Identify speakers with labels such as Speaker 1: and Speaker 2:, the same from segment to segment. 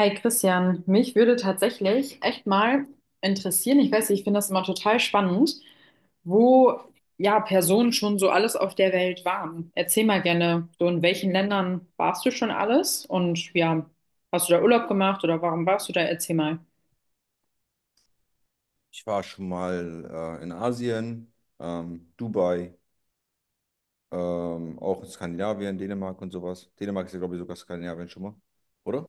Speaker 1: Hi Christian, mich würde tatsächlich echt mal interessieren, ich weiß nicht, ich finde das immer total spannend, wo ja Personen schon so alles auf der Welt waren. Erzähl mal gerne, so in welchen Ländern warst du schon alles und ja, hast du da Urlaub gemacht oder warum warst du da? Erzähl mal.
Speaker 2: Ich war schon mal in Asien, Dubai, auch in Skandinavien, Dänemark und sowas. Dänemark ist ja, glaube ich, sogar Skandinavien schon mal, oder?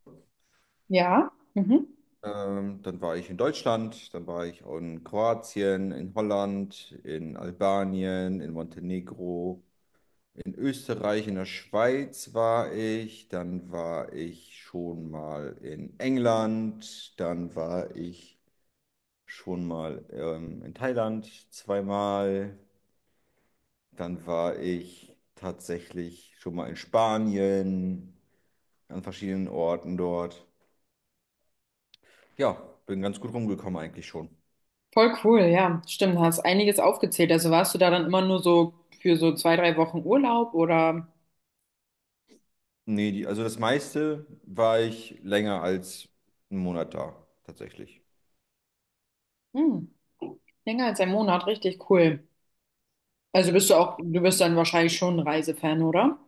Speaker 1: Ja, mhm.
Speaker 2: Dann war ich in Deutschland, dann war ich auch in Kroatien, in Holland, in Albanien, in Montenegro, in Österreich, in der Schweiz war ich, dann war ich schon mal in England, dann war ich schon mal in Thailand zweimal. Dann war ich tatsächlich schon mal in Spanien, an verschiedenen Orten dort. Ja, bin ganz gut rumgekommen eigentlich schon.
Speaker 1: Voll cool, ja, stimmt, hast einiges aufgezählt. Also warst du da dann immer nur so für so zwei, drei Wochen Urlaub oder
Speaker 2: Nee, die, also das meiste war ich länger als einen Monat da, tatsächlich.
Speaker 1: hm, länger als ein Monat, richtig cool. Also bist du auch, du bist dann wahrscheinlich schon ein Reisefan, oder?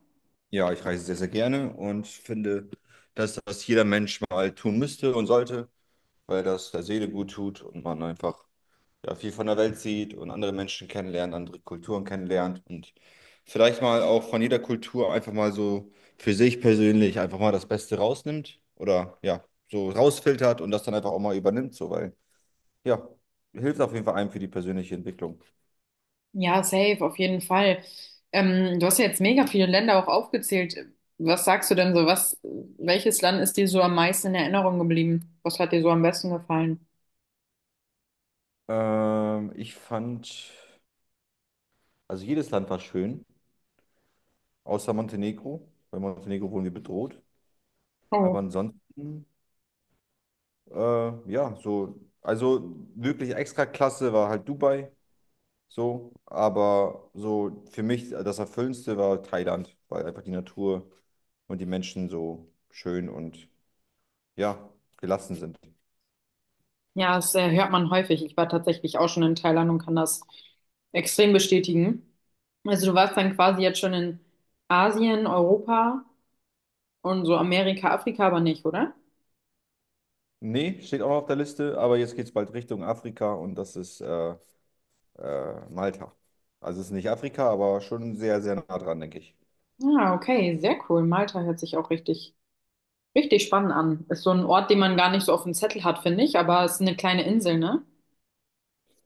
Speaker 2: Ja, ich reise sehr, sehr gerne und finde, dass das jeder Mensch mal tun müsste und sollte, weil das der Seele gut tut und man einfach ja, viel von der Welt sieht und andere Menschen kennenlernt, andere Kulturen kennenlernt und vielleicht mal auch von jeder Kultur einfach mal so für sich persönlich einfach mal das Beste rausnimmt oder ja, so rausfiltert und das dann einfach auch mal übernimmt, so, weil ja, hilft auf jeden Fall einem für die persönliche Entwicklung.
Speaker 1: Ja, safe, auf jeden Fall. Du hast ja jetzt mega viele Länder auch aufgezählt. Was sagst du denn so? Was, welches Land ist dir so am meisten in Erinnerung geblieben? Was hat dir so am besten gefallen?
Speaker 2: Ich fand, also jedes Land war schön, außer Montenegro. Bei Montenegro wurden wir bedroht.
Speaker 1: Oh.
Speaker 2: Aber ansonsten, ja, so, also wirklich extra klasse war halt Dubai. So, aber so für mich das Erfüllendste war Thailand, weil einfach die Natur und die Menschen so schön und ja, gelassen sind.
Speaker 1: Ja, das hört man häufig. Ich war tatsächlich auch schon in Thailand und kann das extrem bestätigen. Also du warst dann quasi jetzt schon in Asien, Europa und so Amerika, Afrika aber nicht, oder?
Speaker 2: Nee, steht auch noch auf der Liste, aber jetzt geht es bald Richtung Afrika und das ist Malta. Also es ist nicht Afrika, aber schon sehr, sehr nah dran, denke ich.
Speaker 1: Ah, okay, sehr cool. Malta hört sich auch richtig spannend an. Ist so ein Ort, den man gar nicht so auf dem Zettel hat, finde ich, aber es ist eine kleine Insel, ne?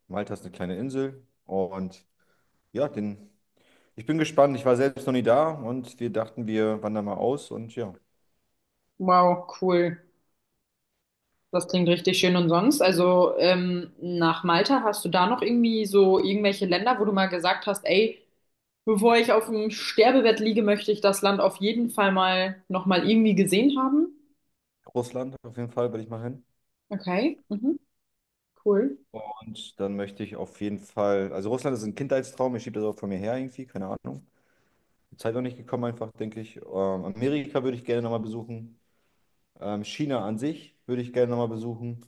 Speaker 2: Malta ist eine kleine Insel und ja, den, ich bin gespannt. Ich war selbst noch nie da und wir dachten, wir wandern mal aus und ja,
Speaker 1: Wow, cool. Das klingt richtig schön. Und sonst, also nach Malta, hast du da noch irgendwie so irgendwelche Länder, wo du mal gesagt hast, ey, bevor ich auf dem Sterbebett liege, möchte ich das Land auf jeden Fall mal nochmal irgendwie gesehen haben?
Speaker 2: Russland auf jeden Fall will ich mal hin.
Speaker 1: Okay, mhm, cool.
Speaker 2: Und dann möchte ich auf jeden Fall, also Russland ist ein Kindheitstraum, ich schiebe das auch von mir her irgendwie, keine Ahnung. Die Zeit noch nicht gekommen einfach, denke ich. Amerika würde ich gerne nochmal besuchen. China an sich würde ich gerne nochmal besuchen.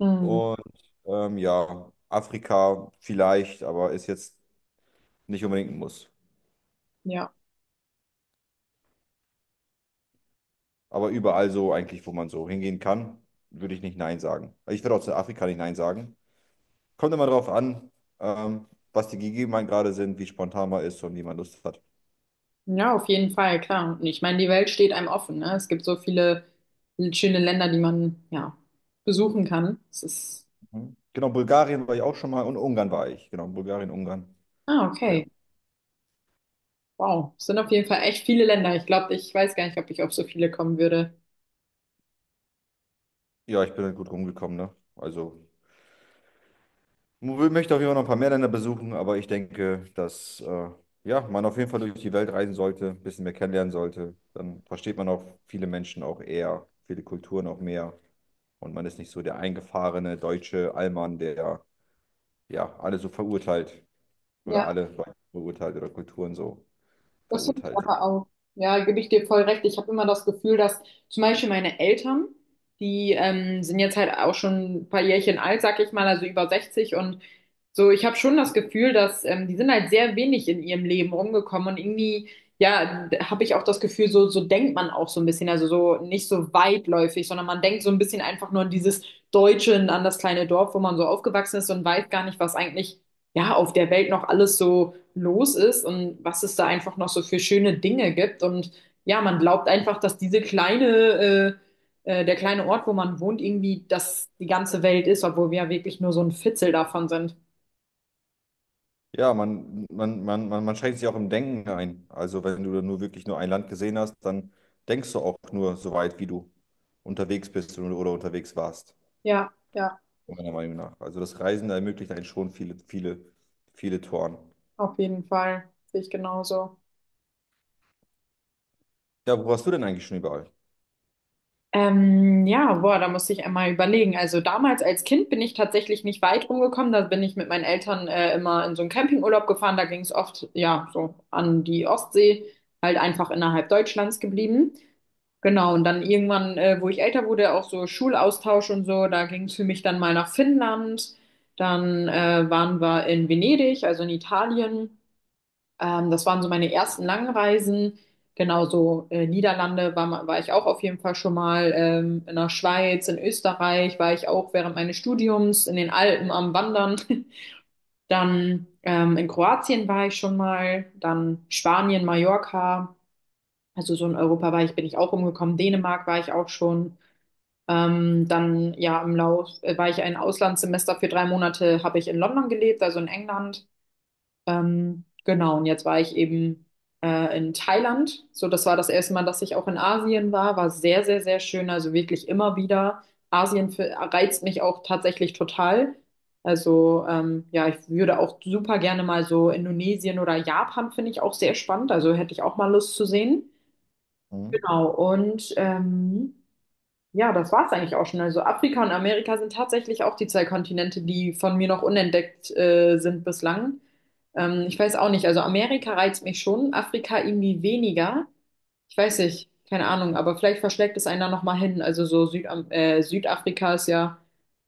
Speaker 1: Hm,
Speaker 2: Und ja, Afrika vielleicht, aber ist jetzt nicht unbedingt ein Muss.
Speaker 1: ja.
Speaker 2: Aber überall so eigentlich, wo man so hingehen kann, würde ich nicht Nein sagen. Also ich würde auch zu Afrika nicht Nein sagen. Kommt immer drauf an, ähm, was die Gegebenheiten gerade sind, wie spontan man ist und wie man Lust hat.
Speaker 1: Ja, auf jeden Fall, klar. Und ich meine, die Welt steht einem offen, ne? Es gibt so viele schöne Länder, die man, ja, besuchen kann. Es ist,
Speaker 2: Hm? Genau, Bulgarien war ich auch schon mal und Ungarn war ich. Genau, Bulgarien, Ungarn.
Speaker 1: ah,
Speaker 2: War ich auch.
Speaker 1: okay. Wow. Es sind auf jeden Fall echt viele Länder. Ich glaube, ich weiß gar nicht, ob ich auf so viele kommen würde.
Speaker 2: Ja, ich bin halt gut rumgekommen, ne? Also, möchte auf jeden Fall noch ein paar mehr Länder besuchen, aber ich denke, dass ja, man auf jeden Fall durch die Welt reisen sollte, ein bisschen mehr kennenlernen sollte. Dann versteht man auch viele Menschen auch eher, viele Kulturen auch mehr. Und man ist nicht so der eingefahrene deutsche Allmann, der ja alle so verurteilt oder
Speaker 1: Ja.
Speaker 2: alle Leute verurteilt oder Kulturen so
Speaker 1: Das finde ich
Speaker 2: verurteilt.
Speaker 1: aber auch. Ja, gebe ich dir voll recht. Ich habe immer das Gefühl, dass zum Beispiel meine Eltern, die sind jetzt halt auch schon ein paar Jährchen alt, sag ich mal, also über 60 und so, ich habe schon das Gefühl, dass die sind halt sehr wenig in ihrem Leben rumgekommen und irgendwie, ja, habe ich auch das Gefühl, so, so denkt man auch so ein bisschen, also so nicht so weitläufig, sondern man denkt so ein bisschen einfach nur an dieses Deutsche, an das kleine Dorf, wo man so aufgewachsen ist und weiß gar nicht, was eigentlich, ja, auf der Welt noch alles so los ist und was es da einfach noch so für schöne Dinge gibt. Und ja, man glaubt einfach, dass diese kleine, der kleine Ort, wo man wohnt, irgendwie das die ganze Welt ist, obwohl wir ja wirklich nur so ein Fitzel davon sind.
Speaker 2: Ja, man schränkt sich auch im Denken ein. Also wenn du nur wirklich nur ein Land gesehen hast, dann denkst du auch nur so weit, wie du unterwegs bist oder unterwegs warst,
Speaker 1: Ja,
Speaker 2: meiner Meinung nach. Also das Reisen ermöglicht einen schon viele, viele, viele Toren.
Speaker 1: auf jeden Fall. Sehe ich genauso.
Speaker 2: Ja, wo warst du denn eigentlich schon überall?
Speaker 1: Ja, boah, da muss ich einmal überlegen. Also damals als Kind bin ich tatsächlich nicht weit rumgekommen. Da bin ich mit meinen Eltern immer in so einen Campingurlaub gefahren. Da ging es oft, ja, so an die Ostsee, halt einfach innerhalb Deutschlands geblieben. Genau, und dann irgendwann, wo ich älter wurde, auch so Schulaustausch und so, da ging es für mich dann mal nach Finnland. Dann waren wir in Venedig, also in Italien. Das waren so meine ersten Langreisen. Genauso Niederlande war, war ich auch auf jeden Fall schon mal. In der Schweiz, in Österreich war ich auch während meines Studiums, in den Alpen am Wandern. Dann in Kroatien war ich schon mal. Dann Spanien, Mallorca. Also so in Europa war ich, bin ich auch rumgekommen. Dänemark war ich auch schon. Dann ja im Lauf war ich ein Auslandssemester für drei Monate, habe ich in London gelebt, also in England. Genau, und jetzt war ich eben in Thailand. So, das war das erste Mal, dass ich auch in Asien war. War sehr, sehr, sehr schön. Also wirklich immer wieder. Asien für, reizt mich auch tatsächlich total. Also ja, ich würde auch super gerne mal so Indonesien oder Japan finde ich auch sehr spannend. Also hätte ich auch mal Lust zu sehen.
Speaker 2: Mhm.
Speaker 1: Genau, und ja, das war's eigentlich auch schon. Also Afrika und Amerika sind tatsächlich auch die zwei Kontinente, die von mir noch unentdeckt sind bislang. Ich weiß auch nicht. Also Amerika reizt mich schon, Afrika irgendwie weniger. Ich weiß nicht, keine Ahnung, aber vielleicht verschlägt es einer nochmal hin. Also so Südam Südafrika ist ja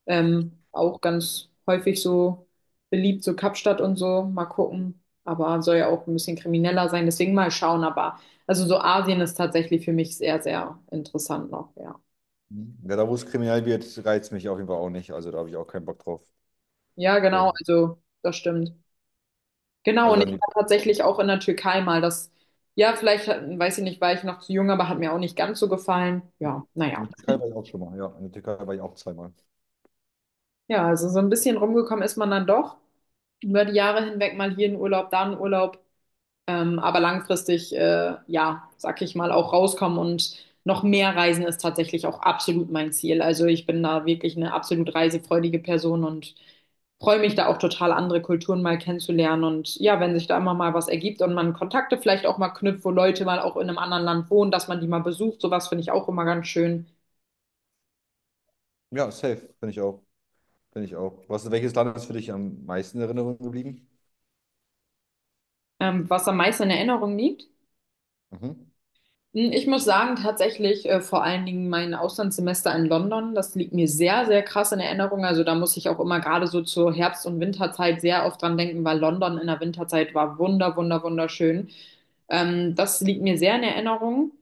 Speaker 1: auch ganz häufig so beliebt, so Kapstadt und so. Mal gucken. Aber soll ja auch ein bisschen krimineller sein, deswegen mal schauen. Aber also so Asien ist tatsächlich für mich sehr, sehr interessant noch, ja.
Speaker 2: Mhm. Ja, da wo es kriminell wird, reizt mich auf jeden Fall auch nicht. Also da habe ich auch keinen Bock drauf.
Speaker 1: Ja, genau,
Speaker 2: So.
Speaker 1: also das stimmt. Genau,
Speaker 2: Also
Speaker 1: und ich
Speaker 2: dann
Speaker 1: war
Speaker 2: lieber.
Speaker 1: tatsächlich auch in der Türkei mal das, ja, vielleicht, weiß ich nicht, war ich noch zu jung, aber hat mir auch nicht ganz so gefallen. Ja,
Speaker 2: In
Speaker 1: naja.
Speaker 2: der Türkei war ich auch schon mal. Ja, in der Türkei war ich auch zweimal.
Speaker 1: Ja, also so ein bisschen rumgekommen ist man dann doch. Über die Jahre hinweg mal hier in Urlaub, da in Urlaub. Aber langfristig, ja, sag ich mal, auch rauskommen und noch mehr reisen ist tatsächlich auch absolut mein Ziel. Also ich bin da wirklich eine absolut reisefreudige Person und freue mich da auch total, andere Kulturen mal kennenzulernen. Und ja, wenn sich da immer mal was ergibt und man Kontakte vielleicht auch mal knüpft, wo Leute mal auch in einem anderen Land wohnen, dass man die mal besucht, sowas finde ich auch immer ganz schön.
Speaker 2: Ja, safe, finde ich auch. Finde ich auch. Was, welches Land ist für dich am meisten in Erinnerung geblieben?
Speaker 1: Was am meisten in Erinnerung liegt?
Speaker 2: Mhm.
Speaker 1: Hm, ich muss sagen, tatsächlich vor allen Dingen mein Auslandssemester in London, das liegt mir sehr, sehr krass in Erinnerung. Also da muss ich auch immer gerade so zur Herbst- und Winterzeit sehr oft dran denken, weil London in der Winterzeit war wunderschön. Das liegt mir sehr in Erinnerung.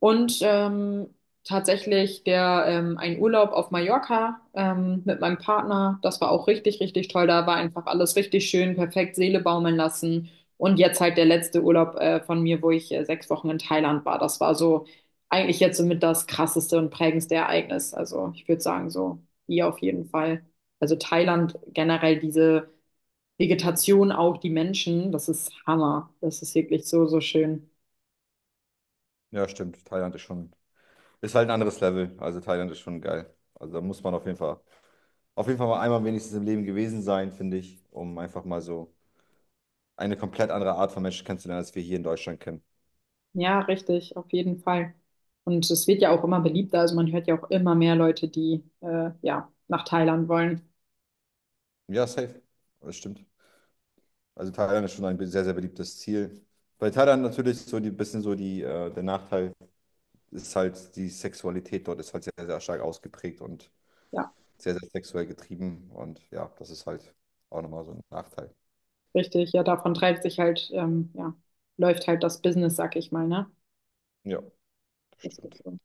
Speaker 1: Und tatsächlich der ein Urlaub auf Mallorca mit meinem Partner, das war auch richtig, richtig toll. Da war einfach alles richtig schön, perfekt Seele baumeln lassen. Und jetzt halt der letzte Urlaub von mir, wo ich sechs Wochen in Thailand war. Das war so eigentlich jetzt somit das krasseste und prägendste Ereignis. Also ich würde sagen, so hier auf jeden Fall. Also Thailand generell diese Vegetation, auch die Menschen, das ist Hammer. Das ist wirklich so, so schön.
Speaker 2: Ja, stimmt. Thailand ist schon, ist halt ein anderes Level. Also Thailand ist schon geil. Also da muss man auf jeden Fall mal einmal wenigstens im Leben gewesen sein, finde ich, um einfach mal so eine komplett andere Art von Menschen kennenzulernen, als wir hier in Deutschland kennen.
Speaker 1: Ja, richtig, auf jeden Fall. Und es wird ja auch immer beliebter. Also man hört ja auch immer mehr Leute, die ja nach Thailand wollen.
Speaker 2: Ja, safe. Das stimmt. Also Thailand ist schon ein sehr, sehr beliebtes Ziel. Bei Thailand natürlich so die bisschen so die, der Nachteil ist halt, die Sexualität dort ist halt sehr, sehr stark ausgeprägt und
Speaker 1: Ja,
Speaker 2: sehr, sehr sexuell getrieben. Und ja, das ist halt auch nochmal so ein Nachteil.
Speaker 1: richtig. Ja, davon treibt sich halt, ja, läuft halt das Business, sag ich mal, ne?
Speaker 2: Ja, das
Speaker 1: Das ist
Speaker 2: stimmt.
Speaker 1: so.